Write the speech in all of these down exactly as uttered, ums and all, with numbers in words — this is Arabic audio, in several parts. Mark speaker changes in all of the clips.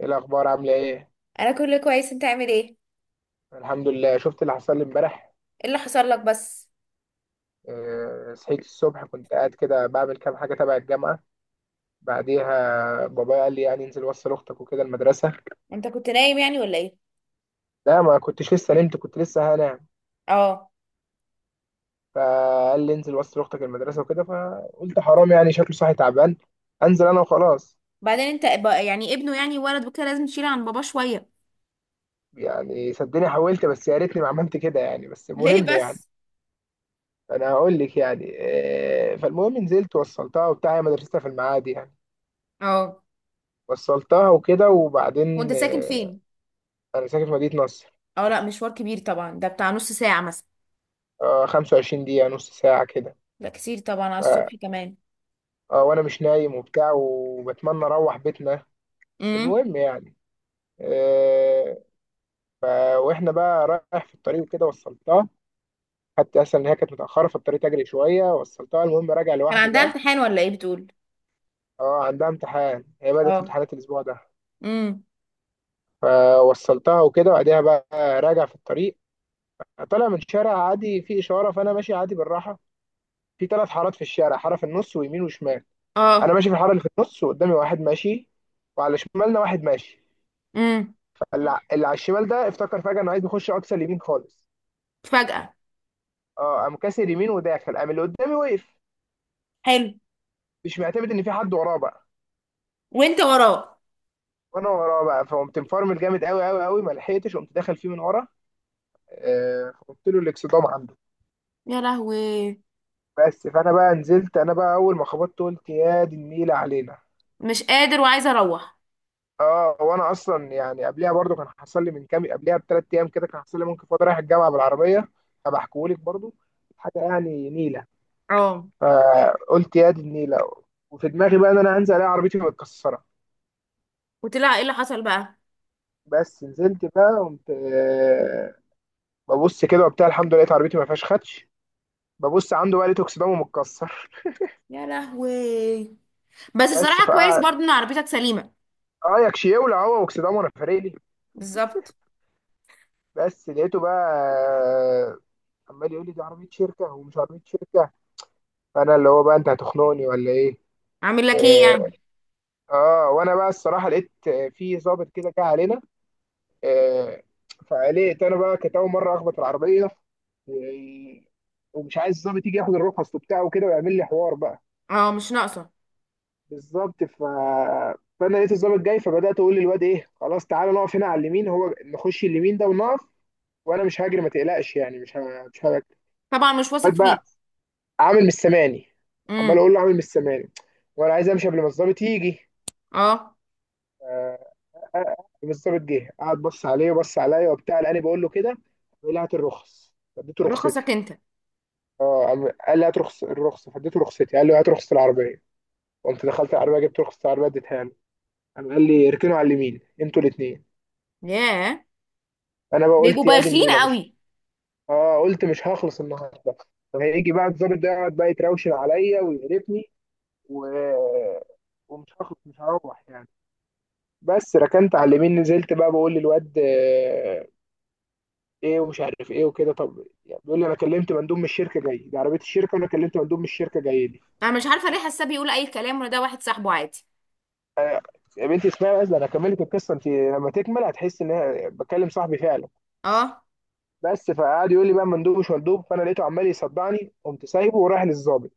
Speaker 1: ايه الاخبار؟ عامله ايه؟
Speaker 2: انا كله كويس، انت عامل ايه ايه؟
Speaker 1: الحمد لله. شفت اللي حصل لي امبارح.
Speaker 2: اللي حصل لك بس؟
Speaker 1: آه، صحيت الصبح كنت قاعد كده بعمل كام حاجه تبع الجامعه. بعديها بابايا قال لي يعني انزل وصل اختك وكده المدرسه.
Speaker 2: انت كنت نايم يعني ولا ايه؟
Speaker 1: لا، ما كنتش لسه نمت، كنت لسه هنام.
Speaker 2: اه.
Speaker 1: فقال لي انزل وصل اختك المدرسه وكده، فقلت حرام يعني شكله صاحي تعبان، انزل انا وخلاص.
Speaker 2: بعدين انت ب- يعني ابنه يعني ولد وكده لازم تشيل عن باباه شويه.
Speaker 1: يعني صدقني حاولت، بس يا ريتني ما عملت كده يعني، بس
Speaker 2: ليه
Speaker 1: مهم يعني.
Speaker 2: بس؟
Speaker 1: انا هقول لك يعني آه، فالمهم نزلت وصلتها وبتاع، هي مدرستها في المعادي يعني.
Speaker 2: اه.
Speaker 1: وصلتها وكده وبعدين
Speaker 2: وانت ساكن
Speaker 1: آه،
Speaker 2: فين؟
Speaker 1: انا ساكن في مدينة نصر.
Speaker 2: اه، لا مشوار كبير طبعا، ده بتاع نص ساعة مثلا.
Speaker 1: آه، 25 دقيقة نص ساعة كده.
Speaker 2: لا كتير طبعا على
Speaker 1: آه.
Speaker 2: الصبح كمان.
Speaker 1: آه، وانا مش نايم وبتاع وبتمنى اروح بيتنا.
Speaker 2: امم.
Speaker 1: المهم يعني. آه. ف- واحنا بقى رايح في الطريق وكده وصلتها، حتى اصلا ان هي كانت متأخرة في الطريق، تجري شوية، وصلتها. المهم راجع
Speaker 2: كان
Speaker 1: لوحدي
Speaker 2: عندها
Speaker 1: بقى.
Speaker 2: امتحان ولا ايه بتقول؟
Speaker 1: اه عندها امتحان، هي بدأت
Speaker 2: اه.
Speaker 1: امتحانات الاسبوع ده.
Speaker 2: امم.
Speaker 1: فوصلتها وكده وبعدها بقى راجع في الطريق، طالع من شارع عادي فيه إشارة، فأنا ماشي عادي بالراحة. في ثلاث حارات في الشارع، حارة في النص ويمين وشمال. انا
Speaker 2: اه.
Speaker 1: ماشي في الحاره اللي في النص، وقدامي واحد ماشي، وعلى شمالنا واحد ماشي.
Speaker 2: امم.
Speaker 1: فاللي اللي على الشمال ده افتكر فجاه انه عايز يخش اقصى اليمين خالص.
Speaker 2: فجأة؟
Speaker 1: اه قام كاسر يمين وداخل، قام اللي قدامي وقف،
Speaker 2: حلو.
Speaker 1: مش معتمد ان في حد وراه بقى.
Speaker 2: وانت وراه؟
Speaker 1: وانا وراه بقى، فقمت مفرمل جامد قوي قوي قوي، ما لحقتش، قمت داخل فيه من ورا. آه فقلت له الاكسدام عنده.
Speaker 2: يا لهوي!
Speaker 1: بس فانا بقى نزلت، انا بقى اول ما خبطت قلت يا دي النيله علينا.
Speaker 2: مش قادر وعايزه اروح.
Speaker 1: اه وانا اصلا يعني قبلها برضو كان حصل لي من كام، قبلها بثلاث ايام كده كان حصل لي، ممكن فاضي رايح الجامعه بالعربيه، فبحكيهولك برضو حاجه يعني نيله.
Speaker 2: اه.
Speaker 1: فقلت يا دي النيله، وفي دماغي بقى ان انا هنزل الاقي عربيتي متكسره.
Speaker 2: وطلع ايه اللي حصل بقى؟
Speaker 1: بس نزلت بقى قمت آه، ببص كده وبتاع، الحمد لله لقيت عربيتي ما فيهاش خدش. ببص عنده بقى، لقيته اكسدامه متكسر.
Speaker 2: يا لهوي! بس
Speaker 1: بس
Speaker 2: الصراحة كويس
Speaker 1: فقعد،
Speaker 2: برضو ان عربيتك سليمة.
Speaker 1: اه يكشي يولع هو واكسدامه، انا فارق لي؟
Speaker 2: بالظبط.
Speaker 1: بس لقيته بقى آه، عمال يقول لي دي عربيه شركه ومش عربيه شركه، فانا اللي هو بقى انت هتخنقني ولا ايه؟
Speaker 2: عامل لك ايه
Speaker 1: اه.
Speaker 2: يعني؟
Speaker 1: آه، وانا بقى الصراحه لقيت آه، في ظابط كده جه علينا. آه. فقلقت انا بقى، كانت اول مره اخبط العربيه، و... ومش عايز الظابط يجي ياخد الرخص وبتاعه وكده ويعمل لي حوار بقى.
Speaker 2: اه. مش ناقصة.
Speaker 1: بالظبط. ف... فانا لقيت الظابط جاي، فبدات اقول للواد ايه خلاص تعالى نقف هنا على اليمين، هو نخش اليمين ده ونقف، وانا مش هاجري ما تقلقش يعني، مش ه... مش هاجري.
Speaker 2: طبعا مش واثق
Speaker 1: الواد
Speaker 2: فيه.
Speaker 1: بقى عامل مش سامعني، عمال
Speaker 2: امم.
Speaker 1: اقول له، عامل مش سامعني، وانا عايز امشي قبل ما الظابط يجي.
Speaker 2: اه.
Speaker 1: آه، بالظبط جه، قعد بص عليه وبص عليا وبتاع، لاني بقول له كده. بيقول لي هات الرخص، فاديته
Speaker 2: رخصك
Speaker 1: رخصتي.
Speaker 2: انت؟
Speaker 1: اه قام- قال لي هات رخص الرخصه، فاديته رخصتي. قال لي هات رخصه العربيه، قمت دخلت العربيه جبت رخصه العربيه اديتها له. قام قال لي اركنوا على اليمين انتوا الاثنين.
Speaker 2: ياه.
Speaker 1: انا بقى
Speaker 2: بيبقوا
Speaker 1: قلت يا دي
Speaker 2: بايخين
Speaker 1: النيله، مش.
Speaker 2: قوي.
Speaker 1: اه قلت مش هخلص النهارده، فهيجي بقى الضابط ده يقعد بقى يتراوشن عليا ويقرفني، و... ومش هخلص، مش هروح يعني. بس ركنت على اليمين، نزلت بقى بقول للواد ايه، ومش عارف ايه وكده، طب يعني بيقول لي انا كلمت مندوب من الشركه جاي، دي عربيه الشركه وانا كلمت مندوب من الشركه جاي لي.
Speaker 2: انا مش عارفة ليه، حاسة بيقول اي كلام، ولا ده واحد صاحبه عادي.
Speaker 1: يا بنتي اسمعي بس، ده انا كملت القصه، انت لما تكمل هتحس ان انا بكلم صاحبي فعلا.
Speaker 2: اه.
Speaker 1: بس فقعد يقول لي بقى مندوب مش مندوب، فانا لقيته عمال يصدعني، قمت سايبه ورايح للظابط.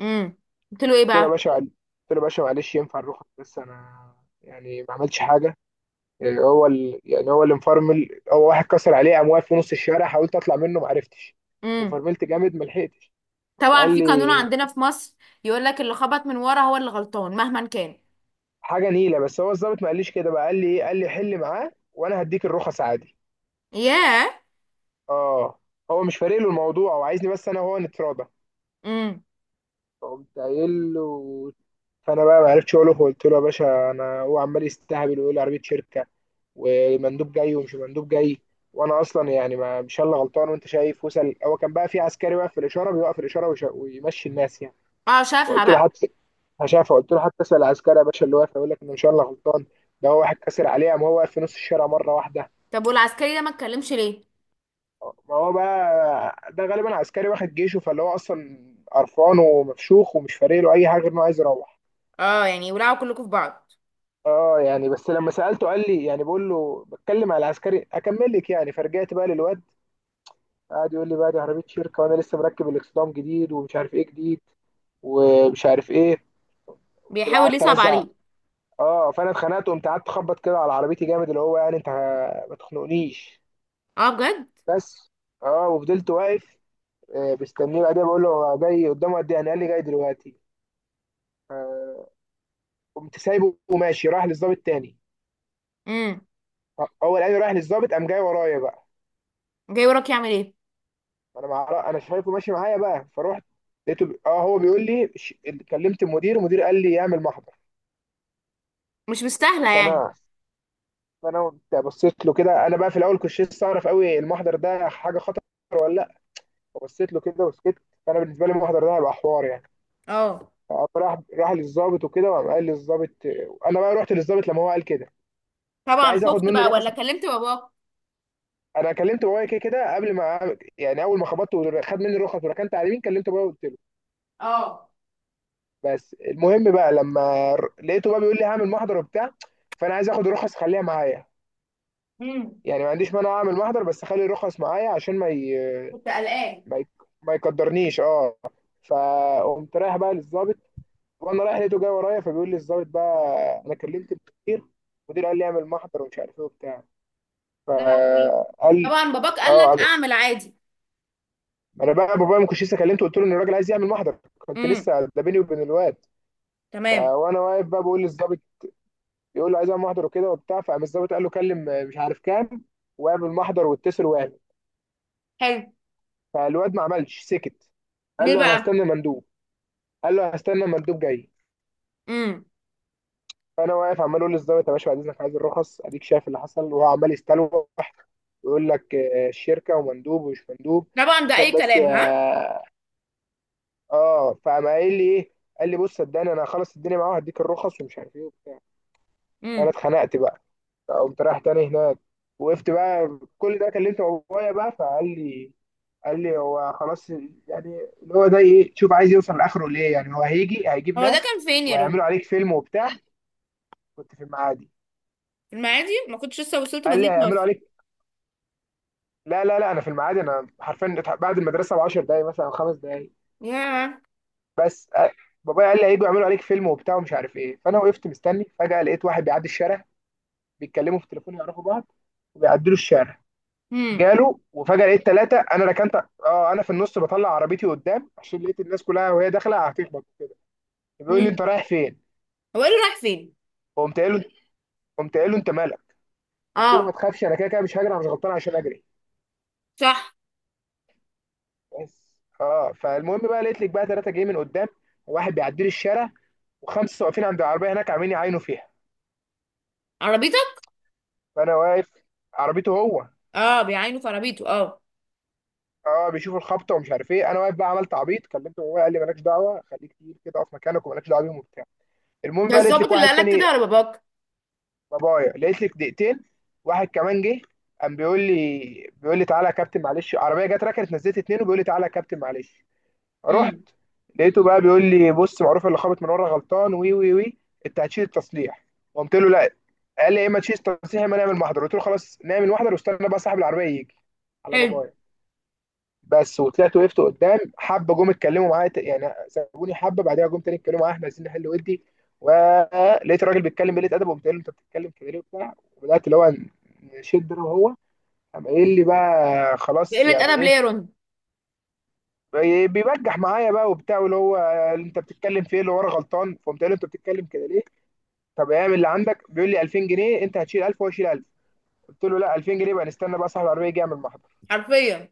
Speaker 2: امم. قلت له ايه
Speaker 1: قلت له يا
Speaker 2: بقى؟
Speaker 1: باشا قلت له يا باشا، معلش ينفع نروح، بس انا يعني ما عملتش حاجه، يعني هو ال... يعني هو اللي مفرمل، هو واحد كسر عليه قام واقف في نص الشارع، حاولت اطلع منه ما عرفتش،
Speaker 2: امم.
Speaker 1: وفرملت جامد ما لحقتش.
Speaker 2: طبعا،
Speaker 1: فقال
Speaker 2: في قانون
Speaker 1: لي
Speaker 2: عندنا في مصر، يقول لك اللي خبط من ورا هو اللي غلطان مهما كان.
Speaker 1: حاجه نيله، بس هو الظابط ما قاليش كده بقى، قال لي ايه، قال لي حل معاه وانا هديك الرخص عادي.
Speaker 2: ياه.
Speaker 1: اه، هو مش فارق له الموضوع، هو عايزني بس انا وهو نتراضى.
Speaker 2: امم.
Speaker 1: فقمت قايل له، فانا بقى ما عرفتش اقول له، قلت له يا باشا انا هو عمال يستهبل ويقول لي عربيه شركه، ومندوب جاي ومش مندوب جاي، وانا اصلا يعني ما مش انا اللي غلطان، وانت شايف وصل، هو كان بقى في عسكري واقف في الاشاره بيوقف الاشاره ويش- ويمشي الناس يعني.
Speaker 2: اه شافها
Speaker 1: فقلت له
Speaker 2: بقى.
Speaker 1: حتى شايف، قلت له حتى اسال العسكري يا باشا اللي واقف يقول لك ان مش انا اللي غلطان، ده هو واحد كسر عليه قام هو واقف في نص الشارع مره واحده.
Speaker 2: طب والعسكري ده ما اتكلمش ليه؟
Speaker 1: ما هو بقى ده غالبا عسكري واحد جيشه، فاللي هو اصلا قرفان ومفشوخ ومش فارق له اي حاجه غير انه عايز يروح.
Speaker 2: اه يعني ولعوا كلكم في بعض.
Speaker 1: اه يعني، بس لما سالته قال لي يعني، بقول له بتكلم على العسكري، اكمل لك يعني. فرجعت بقى للواد، قعد يقول لي بقى دي عربيه شركه، وانا لسه مركب الاكسدام جديد، ومش عارف ايه جديد، ومش عارف ايه. قمت بقى
Speaker 2: بيحاول
Speaker 1: قعدت
Speaker 2: يصعب
Speaker 1: ارزع.
Speaker 2: عليه.
Speaker 1: اه، فانا اتخنقت وقمت قعدت اخبط كده على عربيتي جامد، اللي هو يعني انت ما تخنقنيش.
Speaker 2: اه بجد.
Speaker 1: بس اه، وفضلت واقف آه، مستنيه. بعدين بقول له جاي قدامه قد ايه يعني، قال لي جاي دلوقتي. قمت سايبه وماشي رايح للظابط تاني.
Speaker 2: امم.
Speaker 1: هو لقاني رايح للظابط، قام جاي ورايا بقى.
Speaker 2: جاي وراك يعمل ايه؟
Speaker 1: انا مع... انا شايفه ماشي معايا بقى، فروحت لقيته ب... اه هو بيقول لي ش... كلمت المدير، المدير قال لي اعمل محضر.
Speaker 2: مش مستاهله يعني.
Speaker 1: فانا فانا قمت بصيت له كده، انا بقى في الاول كنت لسه اعرف قوي المحضر ده حاجه خطر ولا لا. فبصيت له كده وسكت، فانا بالنسبه لي المحضر ده هيبقى حوار يعني.
Speaker 2: اه.
Speaker 1: فقام راح راح للظابط وكده، وقام قال للظابط، انا بقى رحت للظابط لما هو قال كده، كنت
Speaker 2: طبعا
Speaker 1: عايز اخد
Speaker 2: خفت
Speaker 1: منه
Speaker 2: بقى
Speaker 1: الرخص.
Speaker 2: ولا كلمت باباك؟
Speaker 1: انا كلمت بابايا كده كده قبل ما أعمل- يعني اول ما خبطت وخد مني الرخص وركنت على اليمين كلمت بابايا وقلت له.
Speaker 2: اه.
Speaker 1: بس المهم بقى لما ر- لقيته بقى بيقول لي هعمل محضر وبتاع، فانا عايز اخد الرخص خليها معايا،
Speaker 2: امم.
Speaker 1: يعني ما عنديش مانع اعمل محضر بس خلي الرخص معايا عشان ما ي...
Speaker 2: كنت قلقان.
Speaker 1: ما, ي... ما يقدرنيش. اه. فقمت رايح بقى للظابط، وانا رايح لقيته جاي ورايا، فبيقول لي الظابط بقى انا كلمت المدير، المدير قال لي اعمل محضر ومش عارف ايه وبتاع.
Speaker 2: يا لهوي.
Speaker 1: فقال.
Speaker 2: طبعا باباك قال لك
Speaker 1: اه
Speaker 2: اعمل عادي.
Speaker 1: انا بقى بابايا ما كنتش لسه كلمته، قلت له ان الراجل عايز يعمل محضر، كنت
Speaker 2: امم.
Speaker 1: لسه ده بيني وبين الواد. ف-
Speaker 2: تمام.
Speaker 1: وانا واقف بقى بقول للظابط، يقول له عايز اعمل محضر وكده وبتاع، فقام الظابط قال له كلم آه، مش عارف كام، واعمل محضر واتصل واعمل.
Speaker 2: حلو.
Speaker 1: فالواد ما عملش، سكت، قال
Speaker 2: ليه
Speaker 1: له انا
Speaker 2: بقى؟
Speaker 1: هستنى مندوب، قال له هستنى مندوب جاي.
Speaker 2: امم.
Speaker 1: فانا واقف عمال اقول للظابط يا باشا بعد اذنك عايز الرخص، اديك شايف اللي حصل، وهو عمال يستلوح ويقول لك آه، الشركه ومندوب ومش مندوب،
Speaker 2: طبعا ده
Speaker 1: عشان
Speaker 2: اي
Speaker 1: بس
Speaker 2: كلام ها.
Speaker 1: اه. آه. فقام قايل لي ايه، قال لي بص صدقني انا هخلص الدنيا معاه وهديك الرخص ومش عارف ايه وبتاع. فانا
Speaker 2: امم.
Speaker 1: اتخنقت بقى، فقمت رايح تاني هناك، وقفت بقى. كل ده كلمت بابايا بقى، فقال لي، قال لي هو خلاص يعني اللي هو ده ايه، شوف عايز يوصل لاخره ليه، يعني هو هيجي هيجيب
Speaker 2: هو ده
Speaker 1: ناس
Speaker 2: كان فين يا
Speaker 1: وهيعملوا
Speaker 2: روني؟
Speaker 1: عليك فيلم وبتاع. كنت في المعادي.
Speaker 2: في المعادي؟ ما كنتش لسه وصلت
Speaker 1: قال لي
Speaker 2: مدينة
Speaker 1: هيعملوا
Speaker 2: نصر.
Speaker 1: عليك. لا لا لا انا في المعادي، انا حرفيا اتح- بعد المدرسه ب 10 دقايق مثلا او خمس دقايق.
Speaker 2: ياه.
Speaker 1: بس آه، بابايا قال لي هيجوا يعملوا عليك فيلم وبتاع ومش عارف ايه. فانا وقفت مستني، فجاه لقيت واحد بيعدي الشارع، بيتكلموا في التليفون يعرفوا بعض، وبيعدلوا الشارع.
Speaker 2: امم.
Speaker 1: جاله، وفجأة لقيت ثلاثة. انا ركنت، اه انا في النص، بطلع عربيتي قدام عشان لقيت الناس كلها وهي داخلة هتخبط كده. بيقول لي
Speaker 2: امم.
Speaker 1: انت رايح فين؟
Speaker 2: هو قال له رايح فين؟
Speaker 1: قمت قايل له قمت قايل له انت مالك؟ قلت له ما
Speaker 2: اه.
Speaker 1: تخافش انا كده كده مش هجري، انا مش غلطان عشان اجري.
Speaker 2: صح.
Speaker 1: بس اه، فالمهم بقى لقيت لك بقى ثلاثة جايين من قدام، وواحد بيعدي لي الشارع، وخمسة واقفين عند العربية هناك عاملين يعاينوا فيها.
Speaker 2: عربيتك؟
Speaker 1: فانا واقف، عربيته هو.
Speaker 2: اه بيعاينوا في عربيته اه.
Speaker 1: اه بيشوفوا الخبطة ومش عارف ايه. انا واقف بقى، عملت عبيط كلمته، وهو قال لي مالكش دعوة، خليك تقيل كده، اقف مكانك ومالكش دعوة بيهم وبتاع. المهم
Speaker 2: ده
Speaker 1: بقى لقيت لك
Speaker 2: الظابط اللي
Speaker 1: واحد
Speaker 2: قال لك
Speaker 1: تاني،
Speaker 2: كده ولا باباك؟
Speaker 1: بابايا لقيت لك دقيقتين، واحد كمان جه، قام بيقول لي بيقول لي تعالى يا كابتن معلش، عربيه جت ركنت نزلت اتنين وبيقول لي تعالى يا كابتن معلش. رحت
Speaker 2: امم.
Speaker 1: لقيته بقى بيقول لي بص معروف اللي خابط من ورا غلطان، وي وي وي، انت هتشيل التصليح. قمت له لا. قال لي يا اما تشيل التصليح يا اما نعمل محضر، قلت له خلاص نعمل محضر واستنى بقى صاحب العربيه يجي، على
Speaker 2: حلو.
Speaker 1: بابايا. بس. وطلعت وقفت قدام، حبه جم اتكلموا معايا ت- يعني سابوني حبه، بعدها جم تاني اتكلموا معايا احنا عايزين نحل ودي، ولقيت الراجل بيتكلم قله ادب، وقلت له انت بتتكلم كده ليه وبتاع، وبدات اللي هو نشد انا وهو. قام قايل لي بقى خلاص
Speaker 2: بقلة
Speaker 1: يعني
Speaker 2: أدب ليه
Speaker 1: ايه،
Speaker 2: يا رون؟
Speaker 1: بي- بيبجح معايا بقى وبتاع، واللي هو انت بتتكلم في ايه، اللي ورا غلطان. فقمت قايل له انت بتتكلم كده ليه، طب اعمل اللي عندك. بيقول لي ألفين جنيه، انت هتشيل ألف وهو يشيل ألف. قلت له لا، ألفين جنيه بقى نستنى بقى صاحب العربيه يجي يعمل محضر.
Speaker 2: حرفيا.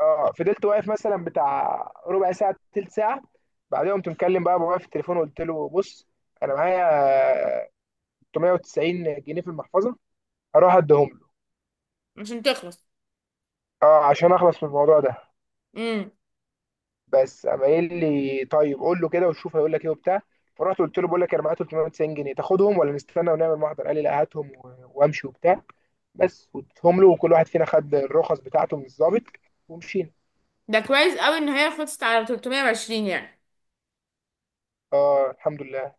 Speaker 1: اه، فضلت واقف مثلا بتاع ربع ساعه تلت ساعه. بعدين قمت مكلم بقى بابايا في التليفون وقلت له بص، انا معايا ثلاثمائة وتسعين جنيه في المحفظه، هروح اديهم له،
Speaker 2: عشان تخلص.
Speaker 1: اه عشان اخلص من الموضوع ده.
Speaker 2: امم.
Speaker 1: بس قام قايل لي طيب قول له كده وشوف هيقول لك ايه وبتاع. فرحت قلت له بقول لك انا معايا ثلاثمائة وتسعين جنيه، تاخدهم ولا نستنى ونعمل محضر، قال لي لا هاتهم و- وامشي وبتاع. بس واديتهم له، وكل واحد فينا خد الرخص بتاعته من الضابط ومشينا.
Speaker 2: ده كويس قوي إن هي خلصت على تلتميه وعشرين يعني.
Speaker 1: اه الحمد لله.